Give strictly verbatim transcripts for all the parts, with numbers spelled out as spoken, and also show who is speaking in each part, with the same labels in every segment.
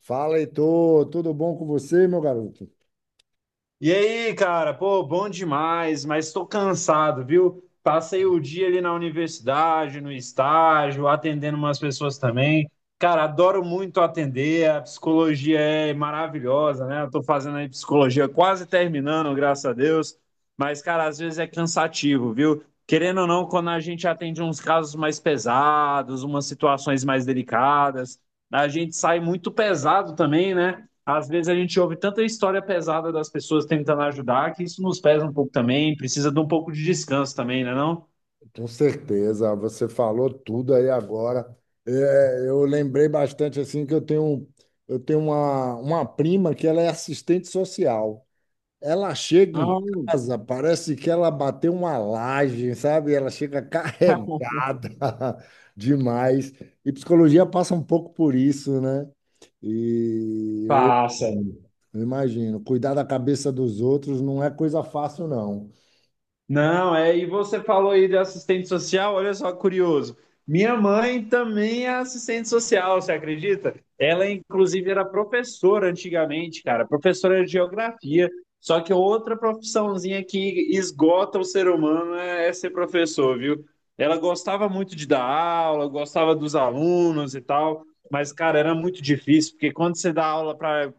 Speaker 1: Fala, Heitor, tudo bom com você, meu garoto?
Speaker 2: E aí, cara, pô, bom demais, mas estou cansado, viu? Passei o dia ali na universidade, no estágio, atendendo umas pessoas também. Cara, adoro muito atender, a psicologia é maravilhosa, né? Eu tô fazendo aí psicologia quase terminando, graças a Deus. Mas, cara, às vezes é cansativo, viu? Querendo ou não, quando a gente atende uns casos mais pesados, umas situações mais delicadas, a gente sai muito pesado também, né? Às vezes a gente ouve tanta história pesada das pessoas tentando ajudar que isso nos pesa um pouco também, precisa de um pouco de descanso também, né não?
Speaker 1: Com certeza, você falou tudo aí agora. É, eu lembrei bastante assim que eu tenho, eu tenho uma, uma prima que ela é assistente social. Ela chega em
Speaker 2: Não,
Speaker 1: casa, parece que ela bateu uma laje, sabe? Ela chega carregada demais. E psicologia passa um pouco por isso, né? E eu
Speaker 2: passa.
Speaker 1: imagino, eu imagino, cuidar da cabeça dos outros não é coisa fácil, não.
Speaker 2: Não, é, e você falou aí de assistente social, olha só, curioso. Minha mãe também é assistente social, você acredita? Ela, inclusive, era professora antigamente, cara, professora de geografia. Só que outra profissãozinha que esgota o ser humano é, é ser professor, viu? Ela gostava muito de dar aula, gostava dos alunos e tal, mas, cara, era muito difícil, porque quando você dá aula para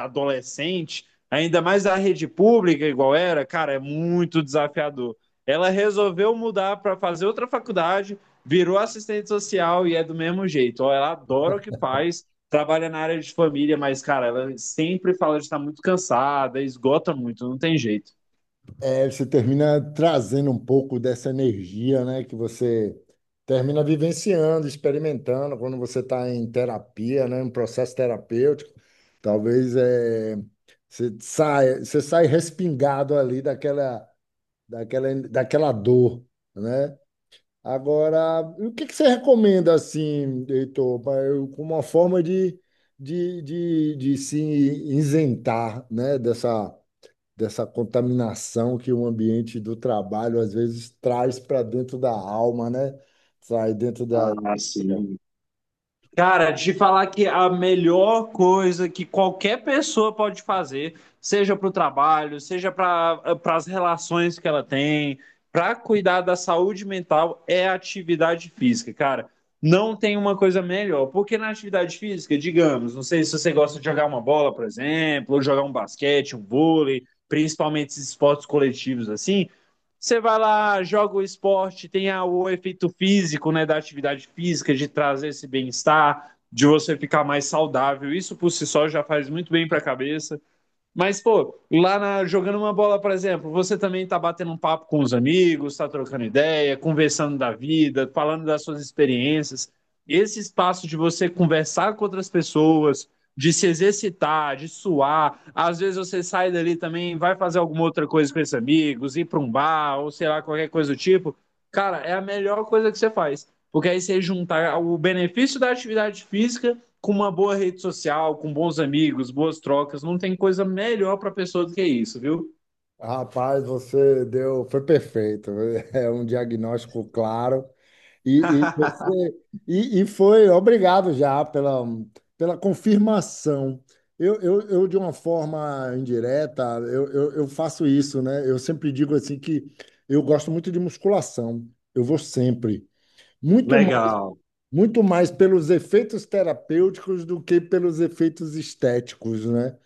Speaker 2: adolescente ainda mais a rede pública, igual era, cara, é muito desafiador. Ela resolveu mudar para fazer outra faculdade, virou assistente social e é do mesmo jeito. Ó, ela adora o que faz, trabalha na área de família, mas, cara, ela sempre fala de estar muito cansada, esgota muito, não tem jeito.
Speaker 1: É, você termina trazendo um pouco dessa energia, né? Que você termina vivenciando, experimentando quando você está em terapia, né? Um processo terapêutico. Talvez é Você sai, você sai respingado ali daquela, daquela, daquela dor, né? Agora, o que que você recomenda, assim, Heitor, pra eu- como uma forma de, de, de, de se isentar, né, dessa, dessa contaminação que o ambiente do trabalho, às vezes, traz para dentro da alma, né? Sai dentro da...
Speaker 2: Ah, sim. Cara, te falar que a melhor coisa que qualquer pessoa pode fazer, seja para o trabalho, seja para para as relações que ela tem, para cuidar da saúde mental, é a atividade física, cara. Não tem uma coisa melhor, porque na atividade física, digamos, não sei se você gosta de jogar uma bola, por exemplo, ou jogar um basquete, um vôlei, principalmente esses esportes coletivos assim, você vai lá, joga o esporte, tem a- o efeito físico, né, da atividade física, de trazer esse bem-estar, de você ficar mais saudável. Isso por si só já faz muito bem para a cabeça. Mas, pô, lá na- jogando uma bola, por exemplo, você também tá batendo um papo com os amigos, tá trocando ideia, conversando da vida, falando das suas experiências. Esse espaço de você conversar com outras pessoas, de se exercitar, de suar. Às vezes você sai dali também, vai fazer alguma outra coisa com esses amigos, ir para um bar, ou sei lá, qualquer coisa do tipo. Cara, é a melhor coisa que você faz. Porque aí você juntar o benefício da atividade física com uma boa rede social, com bons amigos, boas trocas, não tem coisa melhor para a pessoa do que isso, viu?
Speaker 1: Rapaz, você deu... Foi perfeito. É um diagnóstico claro. E, e você e, e foi obrigado já pela, pela confirmação. Eu, eu, eu, de uma forma indireta, eu, eu, eu faço isso, né? Eu sempre digo assim que eu gosto muito de musculação. Eu vou sempre. Muito, ma-
Speaker 2: Legal.
Speaker 1: Muito mais pelos efeitos terapêuticos do que pelos efeitos estéticos, né?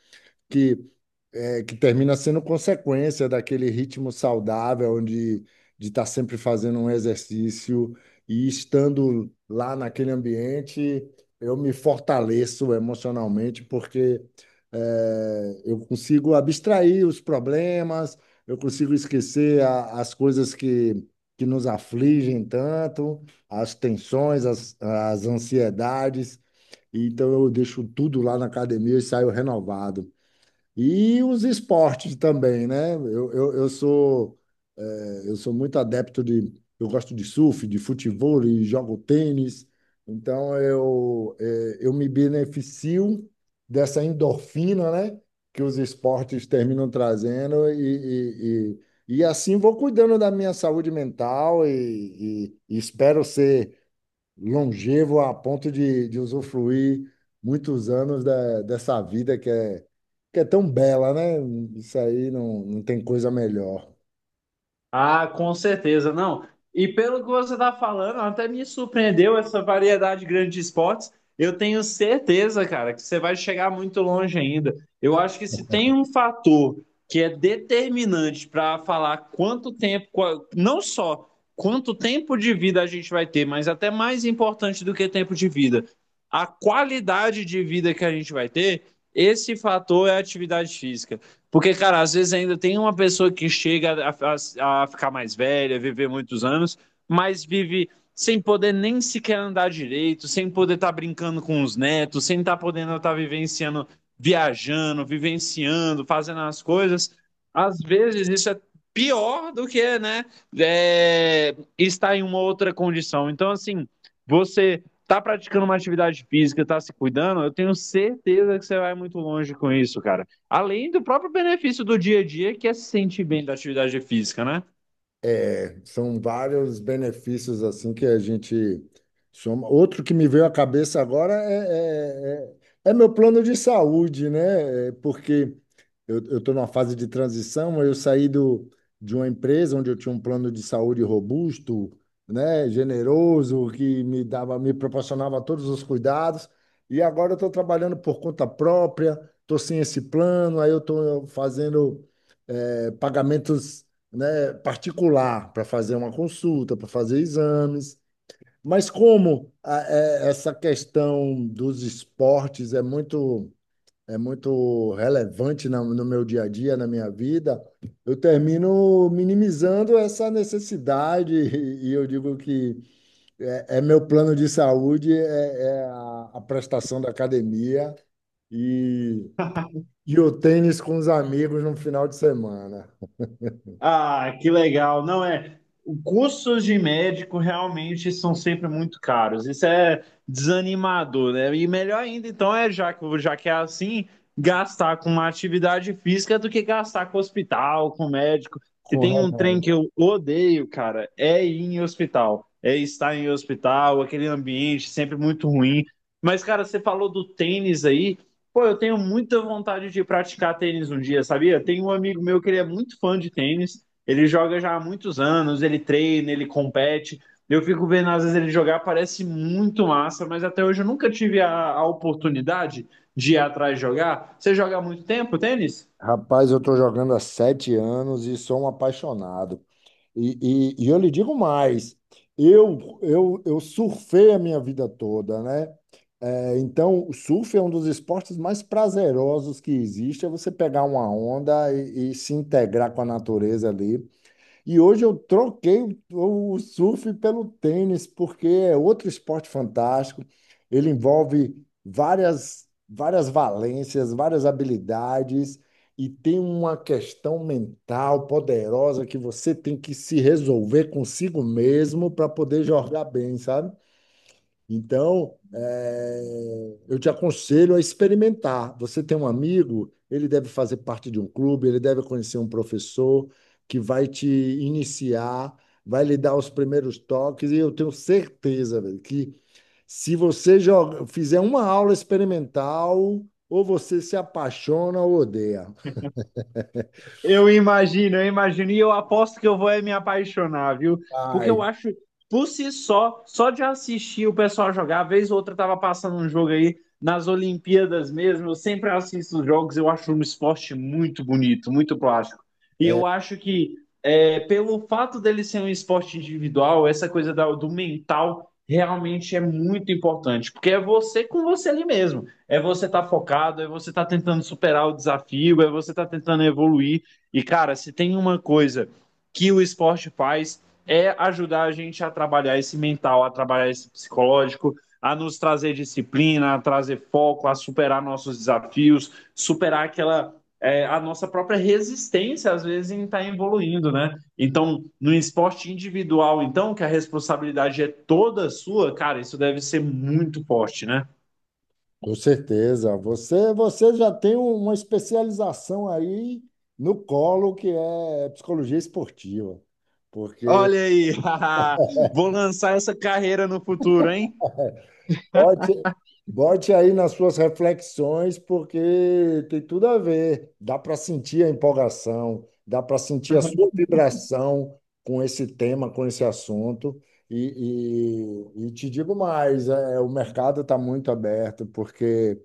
Speaker 1: É que termina sendo consequência daquele ritmo saudável onde de estar sempre fazendo um exercício e estando lá naquele ambiente, eu me fortaleço emocionalmente porque é, eu consigo abstrair os problemas, eu consigo esquecer a- as coisas que, que nos afligem tanto, as tensões, as, as ansiedades. Então eu deixo tudo lá na academia e saio renovado. E os esportes também, né? Eu, eu, eu sou, eh, eu sou muito adepto de. Eu gosto de surf, de futebol, e jogo tênis. Então, eu, eh, eu me beneficio dessa endorfina, né? Que os esportes terminam trazendo. E, e, e, e assim vou cuidando da minha saúde mental e, e, e espero ser longevo a ponto de, de usufruir muitos anos da, dessa vida que é, que é tão bela, né? Isso aí não, não tem coisa melhor.
Speaker 2: Ah, com certeza, não. E pelo que você está falando, até me surpreendeu essa variedade grande de esportes. Eu tenho certeza, cara, que você vai chegar muito longe ainda. Eu acho que se tem um fator que é determinante para falar quanto tempo, qual- não só quanto tempo de vida a gente vai ter, mas até mais importante do que tempo de vida, a qualidade de vida que a gente vai ter, esse fator é a atividade física. Porque, cara, às vezes ainda tem uma pessoa que chega a, a- a ficar mais velha, viver muitos anos, mas vive sem poder nem sequer andar direito, sem poder estar brincando com os netos, sem estar podendo estar vivenciando, viajando, vivenciando, fazendo as coisas. Às vezes isso é pior do que, né, é, estar em uma outra condição. Então, assim, você tá praticando uma atividade física, tá se cuidando, eu tenho certeza que você vai muito longe com isso, cara. Além do próprio benefício do dia a dia, que é se sentir bem da atividade física, né?
Speaker 1: É, são vários benefícios assim que a gente soma. Outro que me veio à cabeça agora é, é, é- é meu plano de saúde, né? É, porque eu estou numa fase de transição, eu saí do, de uma empresa onde eu tinha um plano de saúde robusto, né? Generoso, que me dava, me proporcionava todos os cuidados, e agora eu estou trabalhando por conta própria, estou sem esse plano, aí eu estou fazendo eh, pagamentos, né, particular para fazer uma consulta, para fazer exames. Mas como a- é- essa questão dos esportes é muito é muito relevante na- no meu dia a dia, na minha vida, eu termino minimizando essa necessidade e, eu digo que é, é, meu plano de saúde é, é a, a prestação da academia e, e o tênis com os amigos no final de semana,
Speaker 2: Ah, que legal. Não é. Os custos de médico realmente são sempre muito caros. Isso é desanimador, né? E melhor ainda, então, é já que, já que é assim, gastar com uma atividade física do que gastar com hospital, com médico. Se
Speaker 1: com
Speaker 2: tem um trem
Speaker 1: o
Speaker 2: que eu odeio, cara, é ir em hospital. É estar em hospital, aquele ambiente sempre muito ruim. Mas, cara, você falou do tênis aí. Pô, eu tenho muita vontade de praticar tênis um dia, sabia? Tem um amigo meu que ele é muito fã de tênis, ele joga já há muitos anos, ele treina, ele compete. Eu fico vendo às vezes ele jogar, parece muito massa, mas até hoje eu nunca tive a, a oportunidade de ir atrás jogar. Você joga há muito tempo tênis?
Speaker 1: Rapaz, eu estou jogando há sete anos e sou um apaixonado. E, e, e eu lhe digo mais, eu, eu, eu surfei a minha vida toda, né? É, então, o surf é um dos esportes mais prazerosos que existe, é você pegar uma onda e, e se integrar com a natureza ali. E hoje eu troquei o, o surf pelo tênis, porque é outro esporte fantástico. Ele envolve várias, várias valências, várias habilidades, e tem uma questão mental poderosa que você tem que se resolver consigo mesmo para poder jogar bem, sabe? Então, eh, eu te aconselho a experimentar. Você tem um amigo, ele deve fazer parte de um clube, ele deve conhecer um professor que vai te iniciar, vai lhe dar os primeiros toques, e eu tenho certeza, velho, que se você joga, fizer uma aula experimental, ou você se apaixona ou odeia.
Speaker 2: Eu imagino, eu imagino. E eu aposto que eu vou é me apaixonar, viu? Porque eu
Speaker 1: Ai,
Speaker 2: acho, por si só, só de assistir o pessoal jogar, vez ou outra eu tava passando um jogo aí nas Olimpíadas mesmo. Eu sempre assisto os jogos, eu acho um esporte muito bonito, muito plástico. E eu
Speaker 1: é.
Speaker 2: acho que, é, pelo fato dele ser um esporte individual, essa coisa da- do mental realmente é muito importante, porque é você com você ali mesmo. É você estar focado, é você estar tentando superar o desafio, é você estar tentando evoluir. E, cara, se tem uma coisa que o esporte faz é ajudar a gente a trabalhar esse mental, a trabalhar esse psicológico, a nos trazer disciplina, a trazer foco, a superar nossos desafios, superar aquela é, a nossa própria resistência às vezes em estar tá evoluindo, né? Então, no esporte individual, então que a responsabilidade é toda sua, cara, isso deve ser muito forte, né?
Speaker 1: Com certeza. Você, você já tem um, uma especialização aí no colo, que é psicologia esportiva. Porque
Speaker 2: Olha aí, vou lançar essa carreira no futuro, hein?
Speaker 1: bote, bote aí nas suas reflexões, porque tem tudo a ver. Dá para sentir a empolgação, dá para sentir a sua vibração com esse tema, com esse assunto. E, e, e te digo mais, é, o mercado está muito aberto, porque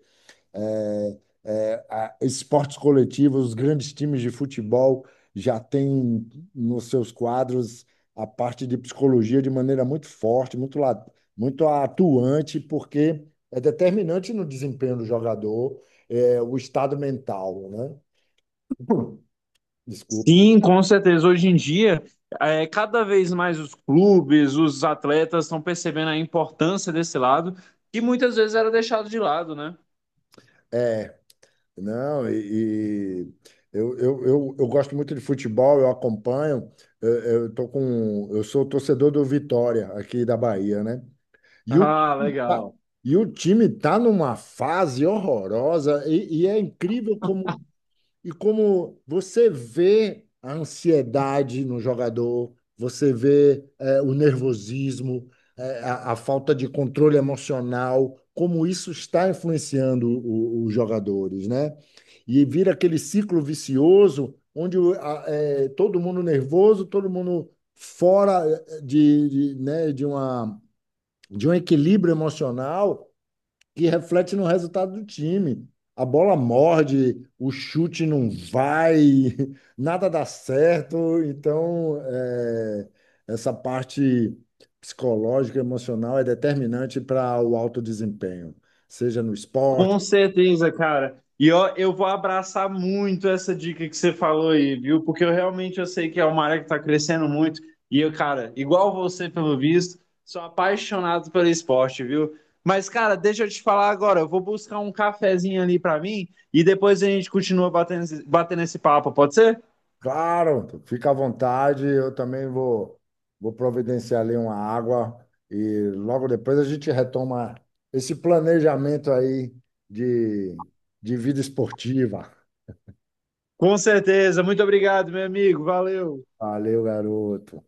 Speaker 1: é, é, a- esportes coletivos, os grandes times de futebol já têm nos seus quadros a parte de psicologia de maneira muito forte, muito, la- muito atuante, porque é determinante no desempenho do jogador, é, o estado mental, né? Desculpa.
Speaker 2: Sim, com certeza. Hoje em dia, é, cada vez mais os clubes, os atletas estão percebendo a importância desse lado, que muitas vezes era deixado de lado, né?
Speaker 1: É, não, e, e eu, eu, eu, eu gosto muito de futebol, eu acompanho, eu, eu tô com, eu sou torcedor do Vitória aqui da Bahia, né? E o
Speaker 2: Ah,
Speaker 1: time tá,
Speaker 2: legal.
Speaker 1: e o time tá numa fase horrorosa e, e é incrível como e como você vê a ansiedade no jogador, você vê eh, o nervosismo, eh, a, a falta de controle emocional, como isso está influenciando o- os jogadores, né? E vira aquele ciclo vicioso onde o- a- eh, todo mundo nervoso, todo mundo fora é, de, de, né, de uma de um equilíbrio emocional que reflete no resultado do time. A bola morde, o chute não vai, nada dá certo. Então, é, essa parte psicológica, emocional é determinante para o alto desempenho, seja no esporte,
Speaker 2: Com certeza, cara. E ó, eu vou abraçar muito essa dica que você falou aí, viu? Porque eu realmente eu sei que é uma área que está crescendo muito. E eu, cara, igual você, pelo visto, sou apaixonado pelo esporte, viu? Mas, cara, deixa eu te falar agora. Eu vou buscar um cafezinho ali para mim e depois a gente continua batendo, esse- batendo esse papo, pode ser?
Speaker 1: claro, fica à vontade. Eu também vou, vou providenciar ali uma água e logo depois a gente retoma esse planejamento aí de, de vida esportiva.
Speaker 2: Com certeza. Muito obrigado, meu amigo. Valeu.
Speaker 1: Valeu, garoto.